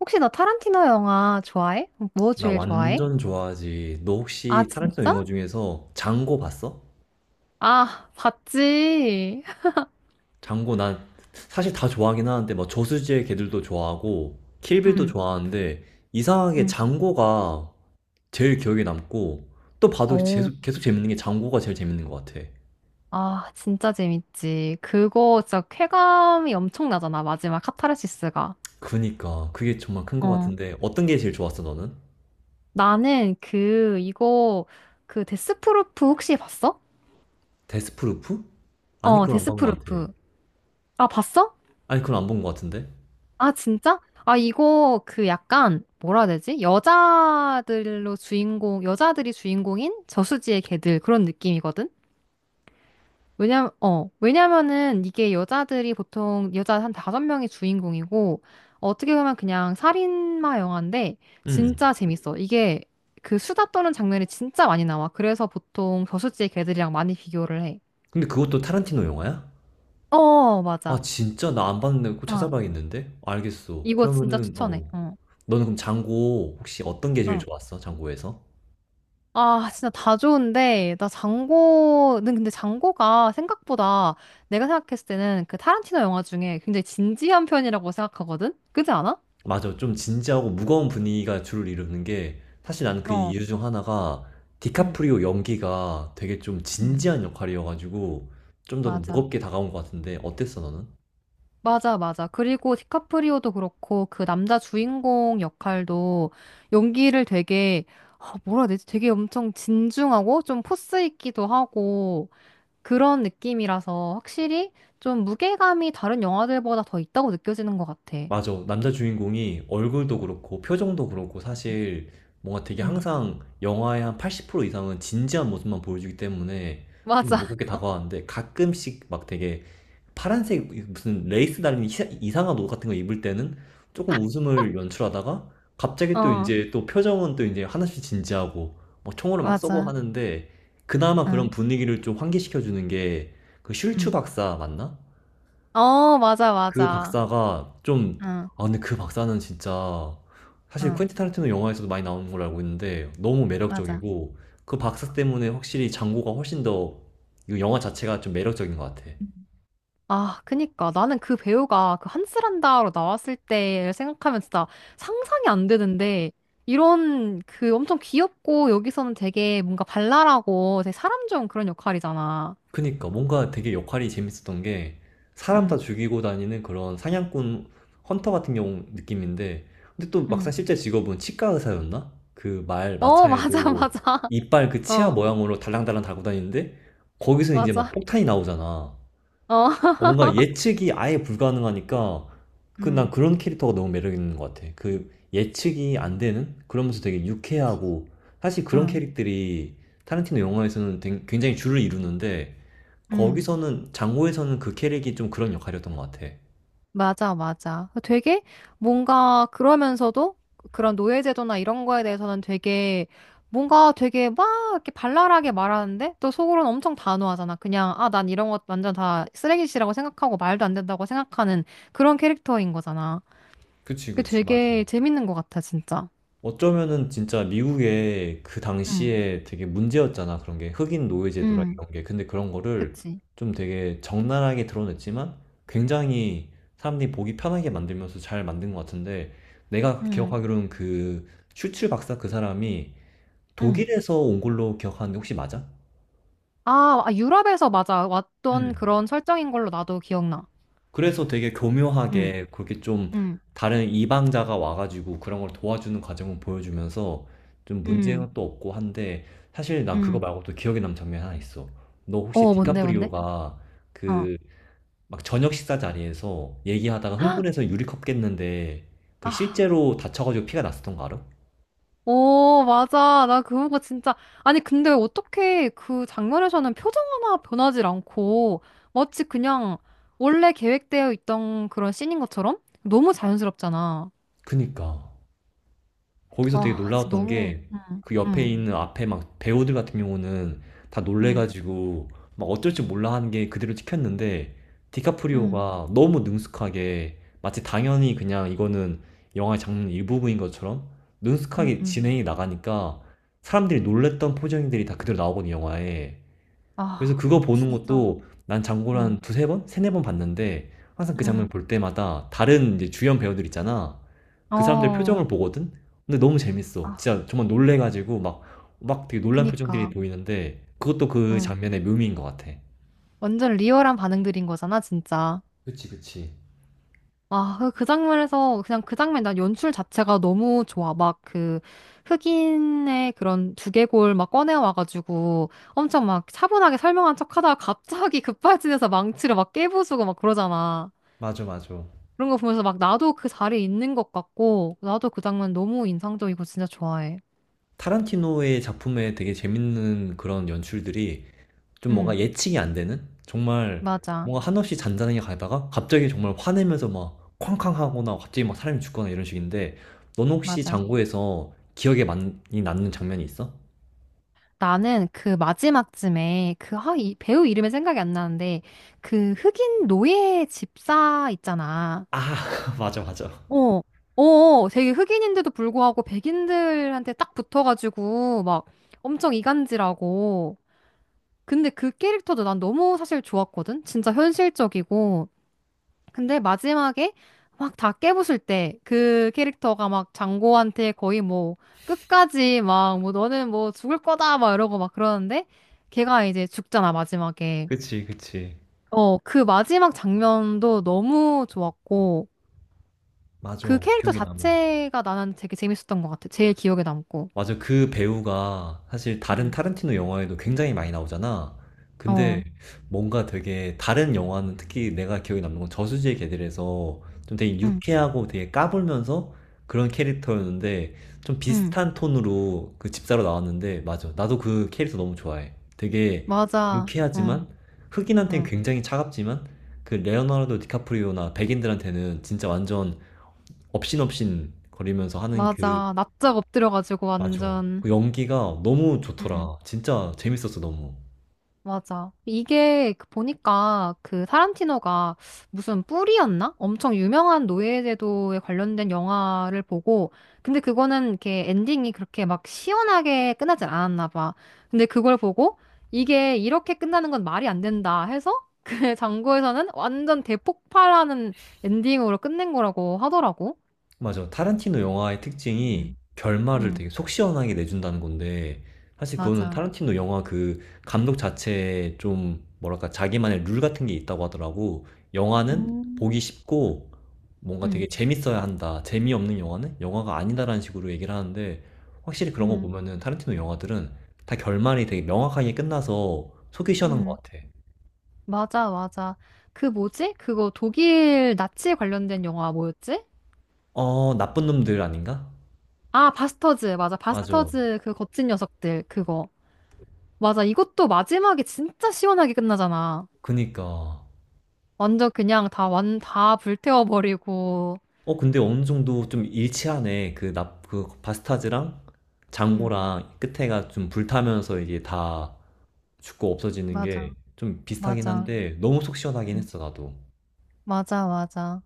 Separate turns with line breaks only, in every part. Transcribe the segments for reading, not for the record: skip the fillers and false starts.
혹시 너 타란티노 영화 좋아해? 뭐
나
제일 좋아해?
완전 좋아하지. 너
아,
혹시 타란티노
진짜?
영화 중에서 장고 봤어?
아, 봤지.
장고 난 사실 다 좋아하긴 하는데 막 저수지의 개들도 좋아하고 킬빌도
응,
좋아하는데 이상하게
응.
장고가 제일 기억에 남고 또 봐도
오,
계속 재밌는 게 장고가 제일 재밌는 것 같아.
아, 진짜 재밌지. 그거 진짜 쾌감이 엄청나잖아. 마지막 카타르시스가.
그니까 그게 정말 큰 것
어.
같은데 어떤 게 제일 좋았어 너는?
나는 그, 이거, 그 데스프루프 혹시 봤어?
데스프루프? 아니
어,
그건 안 본 것 같아.
데스프루프. 아, 봤어?
아니 그건 안 본 것 같은데?
아, 진짜? 아, 이거 그 약간, 뭐라 해야 되지? 여자들로 주인공, 여자들이 주인공인 저수지의 개들 그런 느낌이거든? 왜냐면은 이게 여자들이 보통 여자 한 다섯 명이 주인공이고, 어떻게 보면 그냥 살인마 영화인데,
응.
진짜 재밌어. 이게 그 수다 떠는 장면이 진짜 많이 나와. 그래서 보통 저수지의 개들이랑 많이 비교를 해.
근데 그것도 타란티노 영화야?
어,
아
맞아.
진짜? 나 안 봤는데 꼭
어,
찾아봐야겠는데? 알겠어.
이거 진짜
그러면은 어.
추천해.
어.
어,
너는 그럼 장고 혹시 어떤 게 제일
어.
좋았어? 장고에서?
아, 진짜 다 좋은데, 나 장고는 근데 장고가 생각보다 내가 생각했을 때는 그 타란티노 영화 중에 굉장히 진지한 편이라고 생각하거든? 그지 않아?
맞아. 좀 진지하고 무거운 분위기가 주를 이루는 게 사실 나는 그
어.
이유 중 하나가
응
디카프리오 연기가 되게 좀
응
진지한 역할이어가지고 좀 더
맞아.
무겁게 다가온 것 같은데 어땠어 너는?
맞아, 맞아. 그리고 디카프리오도 그렇고, 그 남자 주인공 역할도 연기를 되게, 아, 뭐라 해야 되지? 되게 엄청 진중하고, 좀 포스 있기도 하고, 그런 느낌이라서 확실히 좀 무게감이 다른 영화들보다 더 있다고 느껴지는 것 같아.
맞아. 남자 주인공이 얼굴도 그렇고 표정도 그렇고 사실 뭔가 되게
응.
항상 영화의 한 80% 이상은 진지한 모습만 보여주기 때문에 좀
맞아.
무겁게 다가왔는데 가끔씩 막 되게 파란색 무슨 레이스 달린 희사- 이상한 옷 같은 거 입을 때는 조금 웃음을 연출하다가 갑자기 또
어,
이제 또 표정은 또 이제 하나씩 진지하고 뭐 총으로 막 쏘고
맞아.
하는데 그나마 그런
응,
분위기를 좀 환기시켜주는 게 그 슐츠
응.
박사 맞나?
어, 맞아,
그
맞아.
박사가 좀,
응,
아, 근데 그 박사는 진짜, 사실
응,
퀸틴 타란티노 영화에서도 많이 나오는 걸 알고 있는데, 너무
맞아.
매력적이고, 그 박사 때문에 확실히 장고가 훨씬 더, 이 영화 자체가 좀 매력적인 것 같아.
응. 아, 그니까. 나는 그 배우가 그 한스란다로 나왔을 때를 생각하면 진짜 상상이 안 되는데, 이런 그 엄청 귀엽고 여기서는 되게 뭔가 발랄하고 되게 사람 좋은 그런 역할이잖아.
그니까, 뭔가 되게 역할이 재밌었던 게, 사람 다
응,
죽이고 다니는 그런 사냥꾼, 헌터 같은 경우 느낌인데, 근데 또 막상
응.
실제 직업은 치과 의사였나? 그 말
어, 맞아,
마차에도
맞아.
이빨 그 치아
어,
모양으로 달랑달랑 달고 다니는데, 거기서 이제 막
맞아.
폭탄이 나오잖아.
어.
뭔가 예측이 아예 불가능하니까 그 난
응,
그런 캐릭터가 너무 매력 있는 것 같아. 그 예측이 안 되는 그러면서 되게 유쾌하고 사실 그런
응.
캐릭들이 타란티노 영화에서는 굉장히 줄을 이루는데
응.
거기서는 장고에서는 그 캐릭이 좀 그런 역할이었던 것 같아.
맞아, 맞아. 되게 뭔가 그러면서도 그런 노예제도나 이런 거에 대해서는 되게 뭔가 되게 막 이렇게 발랄하게 말하는데 또 속으로는 엄청 단호하잖아. 그냥 아, 난 이런 것 완전 다 쓰레기시라고 생각하고 말도 안 된다고 생각하는 그런 캐릭터인 거잖아.
그치,
그게
그치, 맞아.
되게 재밌는 것 같아, 진짜.
어쩌면은 진짜 미국의 그
응,
당시에 되게 문제였잖아. 그런 게 흑인 노예 제도라
응,
이런 게. 근데 그런 거를
그치.
좀 되게 적나라하게 드러냈지만 굉장히 사람들이 보기 편하게 만들면서 잘 만든 것 같은데 내가
응,
기억하기로는 그 슈츠 박사 그 사람이
응.
독일에서 온 걸로 기억하는데 혹시 맞아?
아, 아, 유럽에서 맞아. 왔던
음.
그런 설정인 걸로 나도 기억나.
그래서 되게
응,
교묘하게 그렇게 좀
응,
다른 이방자가 와가지고 그런 걸 도와주는 과정을 보여주면서 좀
응,
문제는 또 없고 한데 사실 난 그거
응.
말고 또 기억에 남는 장면이 하나 있어. 너 혹시
어, 뭔데, 뭔데?
디카프리오가 그 막 저녁 식사 자리에서 얘기하다가 흥분해서 유리컵 깼는데 그
아,
실제로 다쳐가지고 피가 났었던 거 알아?
오, 맞아. 나 그거 진짜. 아니, 근데 어떻게 그 장면에서는 표정 하나 변하지 않고 마치 그냥 원래 계획되어 있던 그런 씬인 것처럼 너무 자연스럽잖아.
그니까. 거기서 되게
아, 진짜
놀라웠던
너무.
게
응,
그 옆에
응,
있는 앞에 막 배우들 같은 경우는 다
응,
놀래가지고 막 어쩔 줄 몰라 하는 게 그대로 찍혔는데
응,
디카프리오가 너무 능숙하게 마치 당연히 그냥 이거는 영화의 장면 일부분인 것처럼
응,
능숙하게
응.
진행이 나가니까 사람들이 놀랬던 포즈들이 다 그대로 나오거든요, 영화에. 그래서
아,
그거 보는
진짜.
것도 난 장고를
응,
한 두세 번? 세네 번 봤는데 항상 그 장면
응.
볼 때마다 다른 이제 주연 배우들 있잖아. 그 사람들
어,
표정을 보거든? 근데 너무 재밌어.
아,
진짜 정말 놀래가지고 막, 막 되게 놀란 표정들이
그니까.
보이는데 그것도 그
응.
장면의 묘미인 것 같아.
완전 리얼한 반응들인 거잖아, 진짜.
그치, 그치.
아, 그, 그 장면에서, 그냥 그 장면, 난 연출 자체가 너무 좋아. 막 그, 흑인의 그런 두개골 막 꺼내와가지고 엄청 막 차분하게 설명한 척 하다가 갑자기 급발진해서 망치를 막 깨부수고 막 그러잖아.
맞아, 맞아.
그런 거 보면서 막 나도 그 자리에 있는 것 같고, 나도 그 장면 너무 인상적이고 진짜 좋아해.
타란티노의 작품에 되게 재밌는 그런 연출들이 좀 뭔가
응,
예측이 안 되는? 정말
맞아,
뭔가 한없이 잔잔하게 가다가 갑자기 정말 화내면서 막 쾅쾅 하거나 갑자기 막 사람이 죽거나 이런 식인데 넌 혹시
맞아.
장고에서 기억에 많이 남는 장면이 있어?
나는 그 마지막쯤에 그, 아, 이 배우 이름이 생각이 안 나는데, 그 흑인 노예 집사 있잖아.
아, 맞아, 맞아.
어, 어, 어. 되게 흑인인데도 불구하고 백인들한테 딱 붙어가지고 막 엄청 이간질하고. 근데 그 캐릭터도 난 너무 사실 좋았거든? 진짜 현실적이고. 근데 마지막에 막 다 깨부술 때 그 캐릭터가 막 장고한테 거의 뭐 끝까지 막 뭐 너는 뭐 죽을 거다 막 이러고 막 그러는데 걔가 이제 죽잖아, 마지막에.
그치, 그치.
어, 그 마지막 장면도 너무 좋았고.
맞아.
그 캐릭터
기억에 남어.
자체가 나는 되게 재밌었던 것 같아. 제일 기억에 남고.
맞아. 그 배우가 사실 다른
응,
타른티노 영화에도 굉장히 많이 나오잖아.
어,
근데 뭔가 되게 다른 영화는 특히 내가 기억에 남는 건 저수지의 개들에서 좀 되게
응,
유쾌하고 되게 까불면서 그런 캐릭터였는데 좀
응,
비슷한 톤으로 그 집사로 나왔는데 맞아. 나도 그 캐릭터 너무 좋아해. 되게
맞아. 응,
유쾌하지만 흑인한테는
응,
굉장히 차갑지만 그 레오나르도 디카프리오나 백인들한테는 진짜 완전 업신업신 거리면서 하는 그
맞아. 납작 엎드려가지고
맞아.
완전.
그 연기가 너무 좋더라. 진짜 재밌었어, 너무.
맞아. 이게 그 보니까 그 타란티노가 무슨 뿔이었나? 엄청 유명한 노예제도에 관련된 영화를 보고, 근데 그거는 이렇게 엔딩이 그렇게 막 시원하게 끝나진 않았나 봐. 근데 그걸 보고 이게 이렇게 끝나는 건 말이 안 된다 해서 그 장고에서는 완전 대폭발하는 엔딩으로 끝낸 거라고 하더라고.
맞아. 타란티노 영화의 특징이
음.
결말을
응,
되게 속 시원하게 내준다는 건데, 사실 그거는
맞아.
타란티노 영화 그 감독 자체에 좀, 뭐랄까, 자기만의 룰 같은 게 있다고 하더라고. 영화는
음.
보기 쉽고, 뭔가
응,
되게 재밌어야 한다. 재미없는 영화는 영화가 아니다라는 식으로 얘기를 하는데, 확실히 그런 거
응,
보면은 타란티노 영화들은 다 결말이 되게 명확하게 끝나서 속이 시원한
응.
것 같아.
맞아, 맞아. 그 뭐지? 그거 독일 나치 관련된 영화 뭐였지?
어, 나쁜 놈들 아닌가?
아, 바스터즈. 맞아.
맞아.
바스터즈 그 거친 녀석들. 그거. 맞아. 이것도 마지막에 진짜 시원하게 끝나잖아.
그니까.
완전 그냥 다 불태워버리고.
어, 근데 어느 정도 좀 일치하네. 그 납, 그 바스타즈랑
응,
장고랑 끝에가 좀 불타면서 이게 다 죽고 없어지는
맞아.
게 좀 비슷하긴
맞아.
한데 너무 속 시원하긴
응,
했어, 나도.
맞아, 맞아.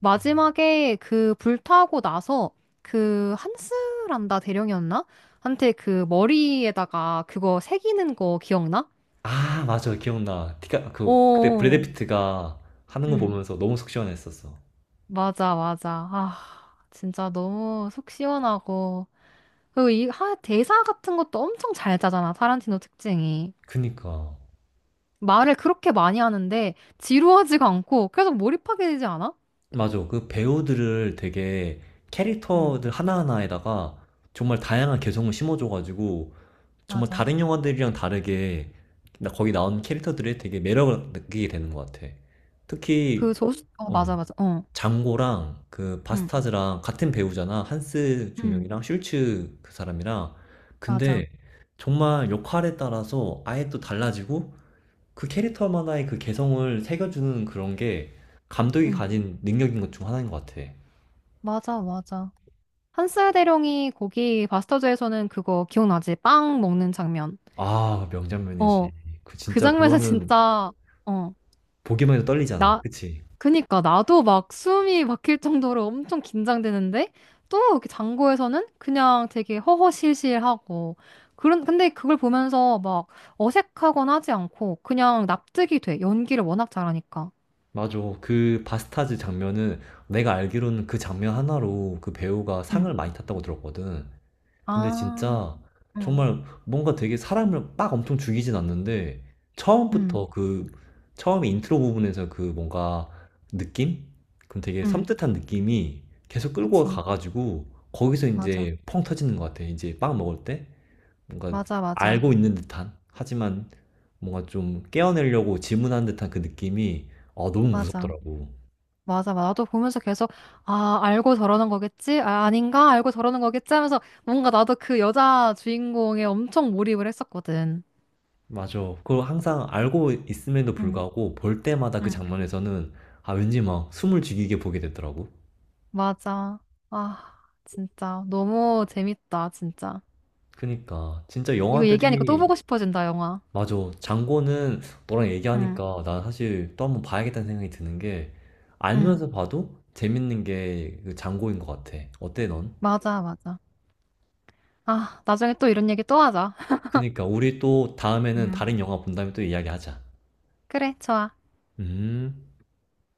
마지막에 그 불타고 나서 그 한스란다 대령이었나? 한테 그 머리에다가 그거 새기는 거 기억나?
아, 맞아. 기억나. 디카, 그, 그때 브래드 응.
어.
피트가 하는 거
응.
보면서 너무 속 시원했었어.
맞아, 맞아. 아, 진짜 너무 속 시원하고. 그리고 이 하, 대사 같은 것도 엄청 잘 짜잖아, 타란티노 특징이.
그니까.
말을 그렇게 많이 하는데 지루하지가 않고 계속 몰입하게 되지 않아?
맞아. 그 배우들을 되게
응,
캐릭터들 하나하나에다가 정말 다양한 개성을 심어줘가지고 정말
맞아.
다른 영화들이랑 다르게 나 거기 나온 캐릭터들이 되게 매력을 느끼게 되는 것 같아. 특히
그 조수, 어,
어,
맞아, 맞아. 어,
장고랑 그
응,
바스타즈랑 같은 배우잖아. 한스
응,
중령이랑 슐츠 그 사람이랑.
맞아.
근데 정말 역할에 따라서 아예 또 달라지고 그 캐릭터만의 그 개성을 새겨주는 그런 게 감독이
응,
가진 능력인 것 중 하나인 것 같아.
맞아, 맞아. 한스 대령이 거기 바스터즈에서는 그거 기억나지? 빵 먹는 장면.
아,
어,
명장면이지. 그
그
진짜
장면에서
그거는
진짜, 어,
보기만 해도 떨리잖아.
나,
그치?
그니까 나도 막 숨이 막힐 정도로 엄청 긴장되는데 또 이렇게 장고에서는 그냥 되게 허허실실하고 그런 근데 그걸 보면서 막 어색하거나 하지 않고 그냥 납득이 돼. 연기를 워낙 잘하니까.
맞아. 그 바스타즈 장면은 내가 알기로는 그 장면 하나로 그 배우가
응,
상을 많이 탔다고 들었거든. 근데
아,
진짜
응,
정말 뭔가 되게 사람을 막 엄청 죽이진 않는데
응,
처음부터 그 처음에 인트로 부분에서 그 뭔가 느낌? 그럼 되게
응,
섬뜩한 느낌이 계속 끌고
그치.
가가지고 거기서
맞아.
이제 펑 터지는 것 같아. 이제 빵 먹을 때. 뭔가
맞아, 맞아.
알고 있는 듯한 하지만 뭔가 좀 깨어내려고 질문하는 듯한 그 느낌이 어, 너무
맞아.
무섭더라고.
맞아, 맞아. 나도 보면서 계속, 아, 알고 저러는 거겠지? 아, 아닌가? 알고 저러는 거겠지? 하면서 뭔가 나도 그 여자 주인공에 엄청 몰입을 했었거든.
맞아. 그걸 항상 알고 있음에도
응,
불구하고 볼 때마다 그
응.
장면에서는 아 왠지 막 숨을 죽이게 보게 되더라고.
맞아. 아, 진짜. 너무 재밌다, 진짜.
그니까 진짜
이거 얘기하니까 또
영화들이
보고 싶어진다, 영화.
맞아. 장고는 너랑
응,
얘기하니까 나 사실 또 한번 봐야겠다는 생각이 드는 게
응,
알면서 봐도 재밌는 게그 장고인 것 같아. 어때 넌?
맞아, 맞아. 아, 나중에 또 이런 얘기 또 하자.
그니까 우리 또 다음에는
응.
다른 영화 본 다음에 또 이야기하자.
그래, 좋아.
음.